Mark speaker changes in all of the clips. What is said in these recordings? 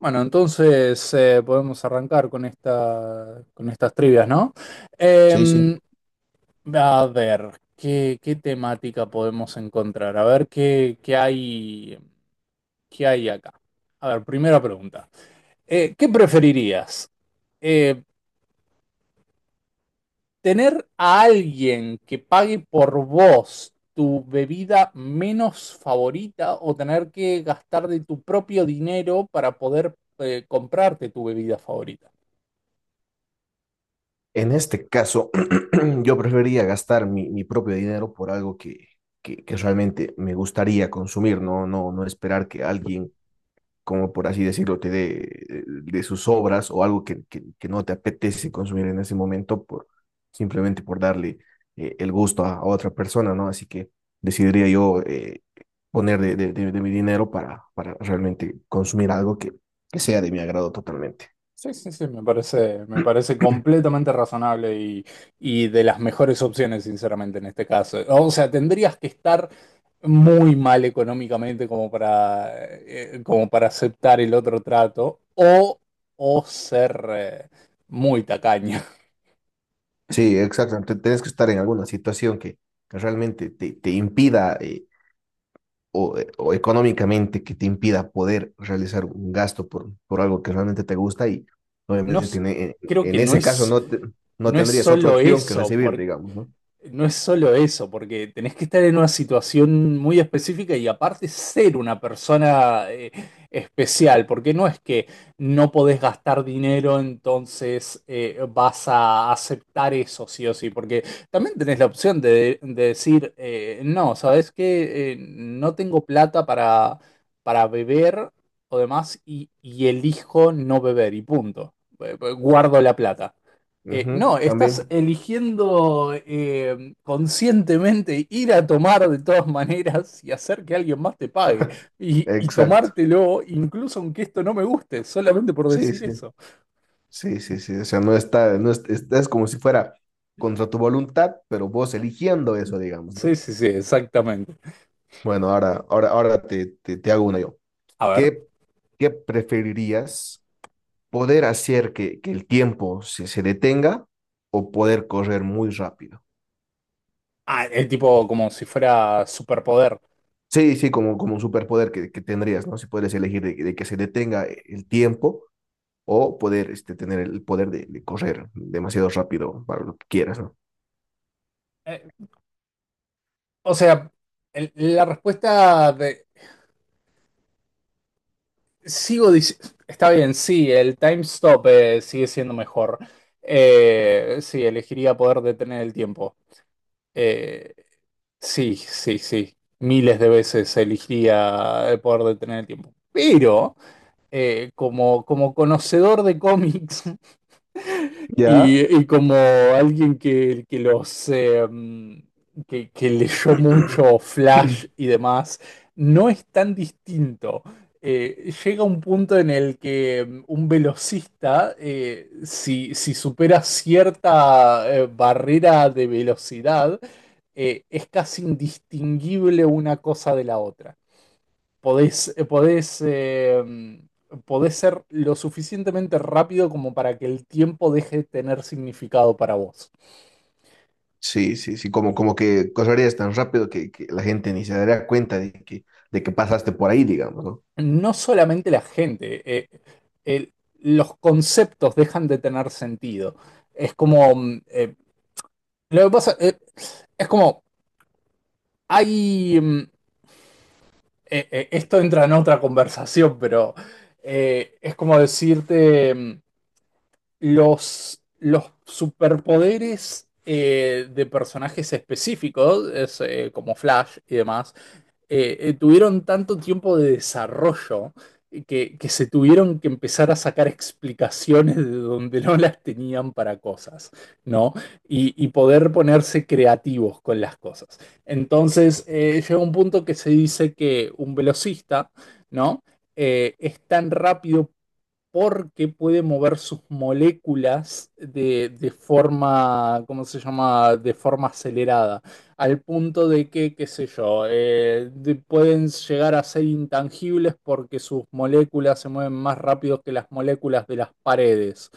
Speaker 1: Bueno, entonces podemos arrancar con con estas trivias, ¿no?
Speaker 2: Sí, sí.
Speaker 1: Em, a ver, ¿qué temática podemos encontrar? A ver qué hay acá. A ver, primera pregunta. ¿Qué preferirías? Eh, ¿Tener a alguien que pague por vos tu bebida menos favorita o tener que gastar de tu propio dinero para poder comprarte tu bebida favorita?
Speaker 2: En este caso, yo preferiría gastar mi propio dinero por algo que realmente me gustaría consumir, ¿no? No esperar que alguien, como por así decirlo, te dé de sus obras o algo que no te apetece consumir en ese momento por simplemente por darle el gusto a otra persona, ¿no? Así que decidiría yo poner de mi dinero para realmente consumir algo que sea de mi agrado totalmente.
Speaker 1: Sí, sí, sí, me parece completamente razonable y de las mejores opciones, sinceramente, en este caso. O sea, tendrías que estar muy mal económicamente como para, como para aceptar el otro trato o ser muy tacaño.
Speaker 2: Sí, exacto. Tienes que estar en alguna situación que realmente te, te impida o económicamente que te impida poder realizar un gasto por algo que realmente te gusta y
Speaker 1: No,
Speaker 2: obviamente
Speaker 1: s- Creo que
Speaker 2: en
Speaker 1: no
Speaker 2: ese caso
Speaker 1: es...
Speaker 2: no
Speaker 1: No es
Speaker 2: tendrías otra
Speaker 1: solo
Speaker 2: opción que
Speaker 1: eso.
Speaker 2: recibir, digamos, ¿no?
Speaker 1: No es solo eso, porque tenés que estar en una situación muy específica y aparte ser una persona especial, porque no es que no podés gastar dinero, entonces vas a aceptar eso sí o sí, porque también tenés la opción de decir, no, ¿sabes qué? No tengo plata para beber o demás y elijo no beber y punto. Guardo la plata. No,
Speaker 2: Ujú,
Speaker 1: estás
Speaker 2: también.
Speaker 1: eligiendo conscientemente ir a tomar de todas maneras y hacer que alguien más te pague. Y
Speaker 2: Exacto.
Speaker 1: tomártelo, incluso aunque esto no me guste, solamente por
Speaker 2: Sí,
Speaker 1: decir
Speaker 2: sí.
Speaker 1: eso.
Speaker 2: Sí, sí, sí. O sea, no está, no es, es como si fuera contra tu voluntad, pero vos eligiendo eso, digamos,
Speaker 1: Sí,
Speaker 2: ¿no?
Speaker 1: sí, sí, exactamente.
Speaker 2: Bueno, ahora te hago una yo.
Speaker 1: A ver,
Speaker 2: ¿Qué, qué preferirías? ¿Poder hacer que el tiempo se detenga o poder correr muy rápido?
Speaker 1: ah, el tipo como si fuera superpoder.
Speaker 2: Sí, sí, como, como un superpoder que tendrías, ¿no? Si puedes elegir de que se detenga el tiempo o poder este, tener el poder de correr demasiado rápido para lo que quieras, ¿no?
Speaker 1: Eh, o sea, la respuesta de... Sigo diciendo... Está bien, sí, el time stop sigue siendo mejor. Sí, elegiría poder detener el tiempo. Eh, Sí, sí, sí. Miles de veces elegiría el poder detener el tiempo. Pero, como, como conocedor de cómics,
Speaker 2: Ya.
Speaker 1: y como alguien que los que leyó mucho Flash y demás, no es tan distinto. Llega un punto en el que un velocista, si supera cierta barrera de velocidad, es casi indistinguible una cosa de la otra. Podés ser lo suficientemente rápido como para que el tiempo deje de tener significado para vos.
Speaker 2: Sí, sí, sí, como, como que correrías tan rápido que la gente ni se daría cuenta de que pasaste por ahí, digamos, ¿no?
Speaker 1: No solamente la gente, el- los conceptos dejan de tener sentido. Es como, lo que pasa, es como, hay, esto entra en otra conversación, pero es como decirte... los superpoderes de personajes específicos, es, como Flash y demás, tuvieron tanto tiempo de desarrollo que se tuvieron que empezar a sacar explicaciones de donde no las tenían para cosas, ¿no? Y poder ponerse creativos con las cosas. Entonces, llega un punto que se dice que un velocista, ¿no? Es tan rápido porque puede mover sus moléculas de forma, ¿cómo se llama? De forma acelerada, al punto de que, qué sé yo, pueden llegar a ser intangibles porque sus moléculas se mueven más rápido que las moléculas de las paredes.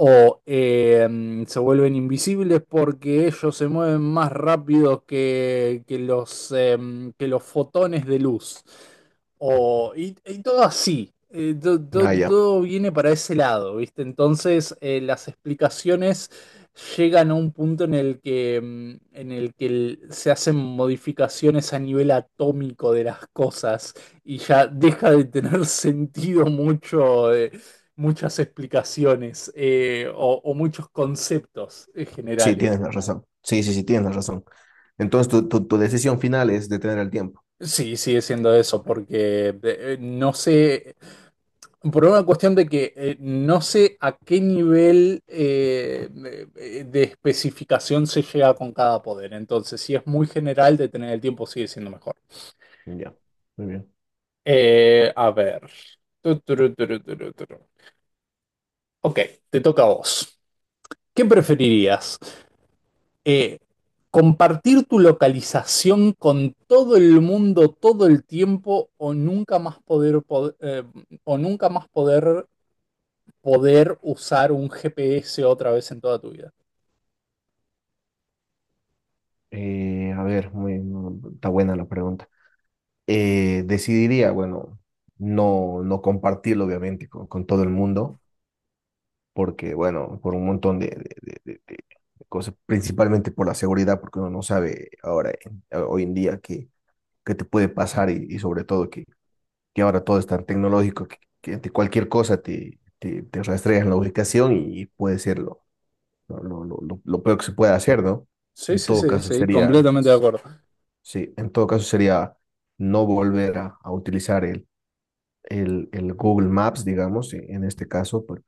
Speaker 1: O se vuelven invisibles porque ellos se mueven más rápido que los, que los fotones de luz. Y todo así,
Speaker 2: Ah, ya.
Speaker 1: todo viene para ese lado, ¿viste? Entonces, las explicaciones llegan a un punto en el que, en el que se hacen modificaciones a nivel atómico de las cosas y ya deja de tener sentido mucho, muchas explicaciones eh, o muchos conceptos
Speaker 2: Sí,
Speaker 1: generales.
Speaker 2: tienes la razón. Sí, sí, sí, tienes la razón. Entonces, tu decisión final es detener el tiempo.
Speaker 1: Sí, sigue siendo eso,
Speaker 2: Ok,
Speaker 1: porque no sé. Por una cuestión de que no sé a qué nivel de especificación se llega con cada poder. Entonces, si es muy general, detener el tiempo sigue siendo mejor.
Speaker 2: ya, muy bien.
Speaker 1: A ver. Tu, turu, turu, turu, turu. Ok, te toca a vos. ¿Qué preferirías? Eh, ¿Compartir tu localización con todo el mundo todo el tiempo o nunca más poder, pod- o nunca más poder, poder usar un GPS otra vez en toda tu vida?
Speaker 2: A ver, muy, no, está buena la pregunta. Decidiría, bueno, no compartirlo, obviamente, con todo el mundo, porque, bueno, por un montón de cosas, principalmente por la seguridad, porque uno no sabe ahora, hoy en día, qué, qué te puede pasar y sobre todo, que ahora todo es tan tecnológico que ante cualquier cosa te, te, te rastrean la ubicación y puede ser lo peor que se puede hacer, ¿no?
Speaker 1: Sí,
Speaker 2: En
Speaker 1: sí,
Speaker 2: todo
Speaker 1: sí,
Speaker 2: caso
Speaker 1: sí,
Speaker 2: sería,
Speaker 1: completamente de acuerdo.
Speaker 2: sí, en todo caso sería no volver a utilizar el Google Maps, digamos, en este caso,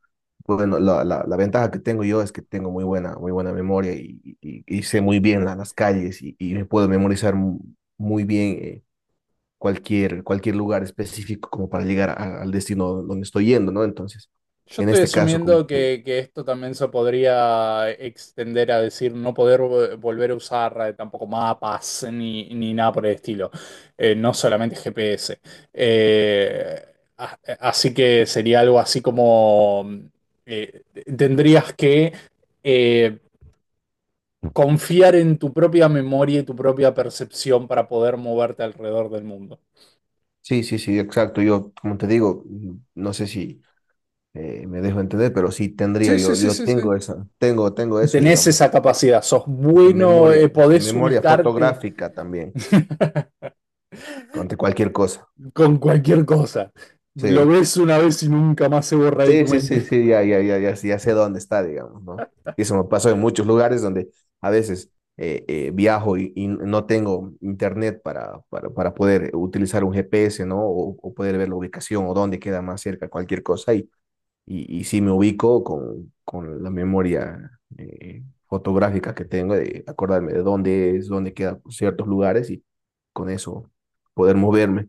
Speaker 2: bueno, la ventaja que tengo yo es que tengo muy buena memoria y, y sé muy bien las calles y me puedo memorizar muy bien cualquier, cualquier lugar específico como para llegar al destino donde estoy yendo, ¿no? Entonces,
Speaker 1: Yo
Speaker 2: en
Speaker 1: estoy
Speaker 2: este caso, como...
Speaker 1: asumiendo que esto también se podría extender a decir no volver a usar tampoco mapas ni nada por el estilo. No solamente GPS. Eh, Así que sería algo así como eh, tendrías que eh, confiar en tu propia memoria y tu propia percepción para poder moverte alrededor del mundo.
Speaker 2: Sí, sí, sí, exacto. Yo, como te digo, no sé si me dejo entender, pero sí tendría,
Speaker 1: Sí, sí,
Speaker 2: yo,
Speaker 1: sí,
Speaker 2: yo
Speaker 1: sí, sí,
Speaker 2: tengo esa, tengo, tengo eso,
Speaker 1: tenés
Speaker 2: digamos,
Speaker 1: esa capacidad, sos bueno,
Speaker 2: esa
Speaker 1: podés
Speaker 2: memoria
Speaker 1: ubicarte
Speaker 2: fotográfica también, ante cualquier cosa.
Speaker 1: con cualquier cosa. Lo
Speaker 2: Sí.
Speaker 1: ves una vez y nunca más se borra de
Speaker 2: Sí,
Speaker 1: tu
Speaker 2: sí, sí,
Speaker 1: mente.
Speaker 2: sí, ya, ya, ya, ya, sí ya sé dónde está, digamos, ¿no? Y eso me pasó en muchos lugares donde a veces viajo y no tengo internet para poder utilizar un GPS, ¿no? O poder ver la ubicación o dónde queda más cerca cualquier cosa y sí me ubico con la memoria fotográfica que tengo de acordarme de dónde es, dónde quedan ciertos lugares y con eso poder moverme.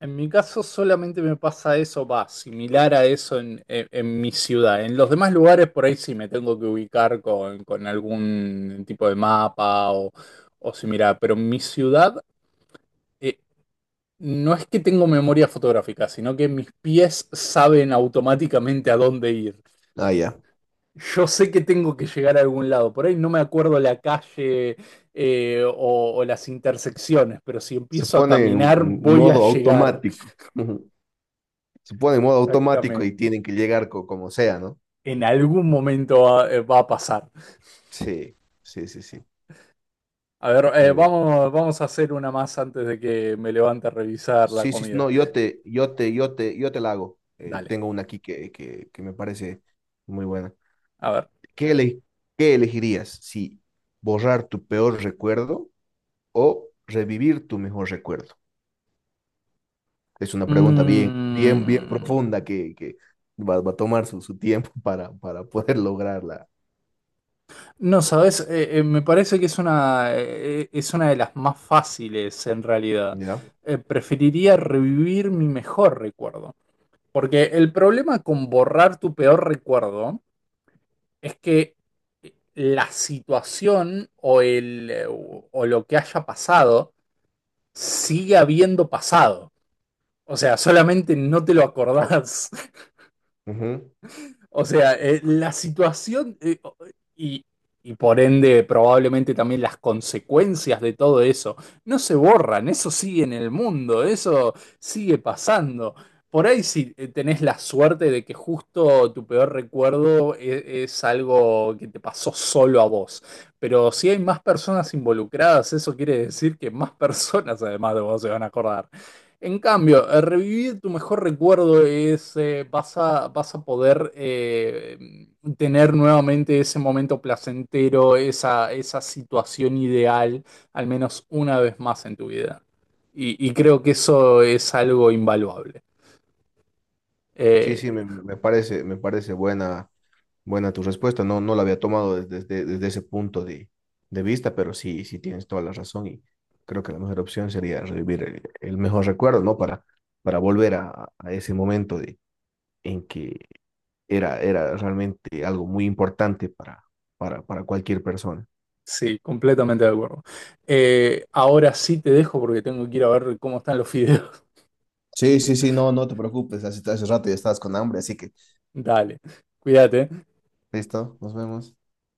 Speaker 1: En mi caso solamente me pasa eso, va, similar a eso en, en mi ciudad. En los demás lugares por ahí sí me tengo que ubicar con algún tipo de mapa o similar, pero en mi ciudad eh, no es que tengo memoria fotográfica, sino que mis pies saben automáticamente a dónde ir.
Speaker 2: Ah, ya.
Speaker 1: Yo sé que tengo que llegar a algún lado, por ahí no me acuerdo la calle o las intersecciones, pero si
Speaker 2: Se
Speaker 1: empiezo a
Speaker 2: pone
Speaker 1: caminar
Speaker 2: en
Speaker 1: voy a
Speaker 2: modo
Speaker 1: llegar.
Speaker 2: automático. Se pone en modo automático y
Speaker 1: Exactamente.
Speaker 2: tienen que llegar como sea, ¿no?
Speaker 1: En algún momento va a pasar.
Speaker 2: Sí, sí, sí, sí.
Speaker 1: A ver,
Speaker 2: Muy bien.
Speaker 1: vamos a hacer una más antes de que me levante a revisar la
Speaker 2: Sí, sí,
Speaker 1: comida.
Speaker 2: no, yo te la hago.
Speaker 1: Dale,
Speaker 2: Tengo una aquí que me parece muy buena.
Speaker 1: a ver.
Speaker 2: ¿Qué, qué elegirías? Si borrar tu peor recuerdo o revivir tu mejor recuerdo. Es una pregunta bien, bien, bien
Speaker 1: Mm,
Speaker 2: profunda que va, va a tomar su, su tiempo para poder lograrla.
Speaker 1: no, sabes, me parece que es una de las más fáciles en realidad.
Speaker 2: ¿Ya?
Speaker 1: Preferiría revivir mi mejor recuerdo. Porque el problema con borrar tu peor recuerdo es que la situación o lo que haya pasado sigue habiendo pasado. O sea, solamente no te lo acordás.
Speaker 2: Ujú.
Speaker 1: O sea, la situación y, y por ende probablemente también las consecuencias de todo eso no se borran, eso sigue en el mundo, eso sigue pasando. Por ahí si tenés la suerte de que justo tu peor recuerdo es algo que te pasó solo a vos, pero si hay más personas involucradas, eso quiere decir que más personas además de vos se van a acordar. En cambio, revivir tu mejor recuerdo es, vas a poder tener nuevamente ese momento placentero, esa situación ideal, al menos una vez más en tu vida. Y creo que eso es algo invaluable.
Speaker 2: Sí, sí,
Speaker 1: Eh,
Speaker 2: me parece buena Buena tu respuesta, no, no la había tomado desde, desde, desde ese punto de vista, pero sí, sí tienes toda la razón y creo que la mejor opción sería revivir el mejor recuerdo, ¿no? Para volver a ese momento de, en que era, era realmente algo muy importante para cualquier persona.
Speaker 1: sí, completamente de acuerdo. Ahora sí te dejo porque tengo que ir a ver cómo están los fideos.
Speaker 2: Sí, sí, sí, no, no te preocupes, hace, hace rato ya estabas con hambre, así que
Speaker 1: Dale, cuídate.
Speaker 2: listo, nos vemos.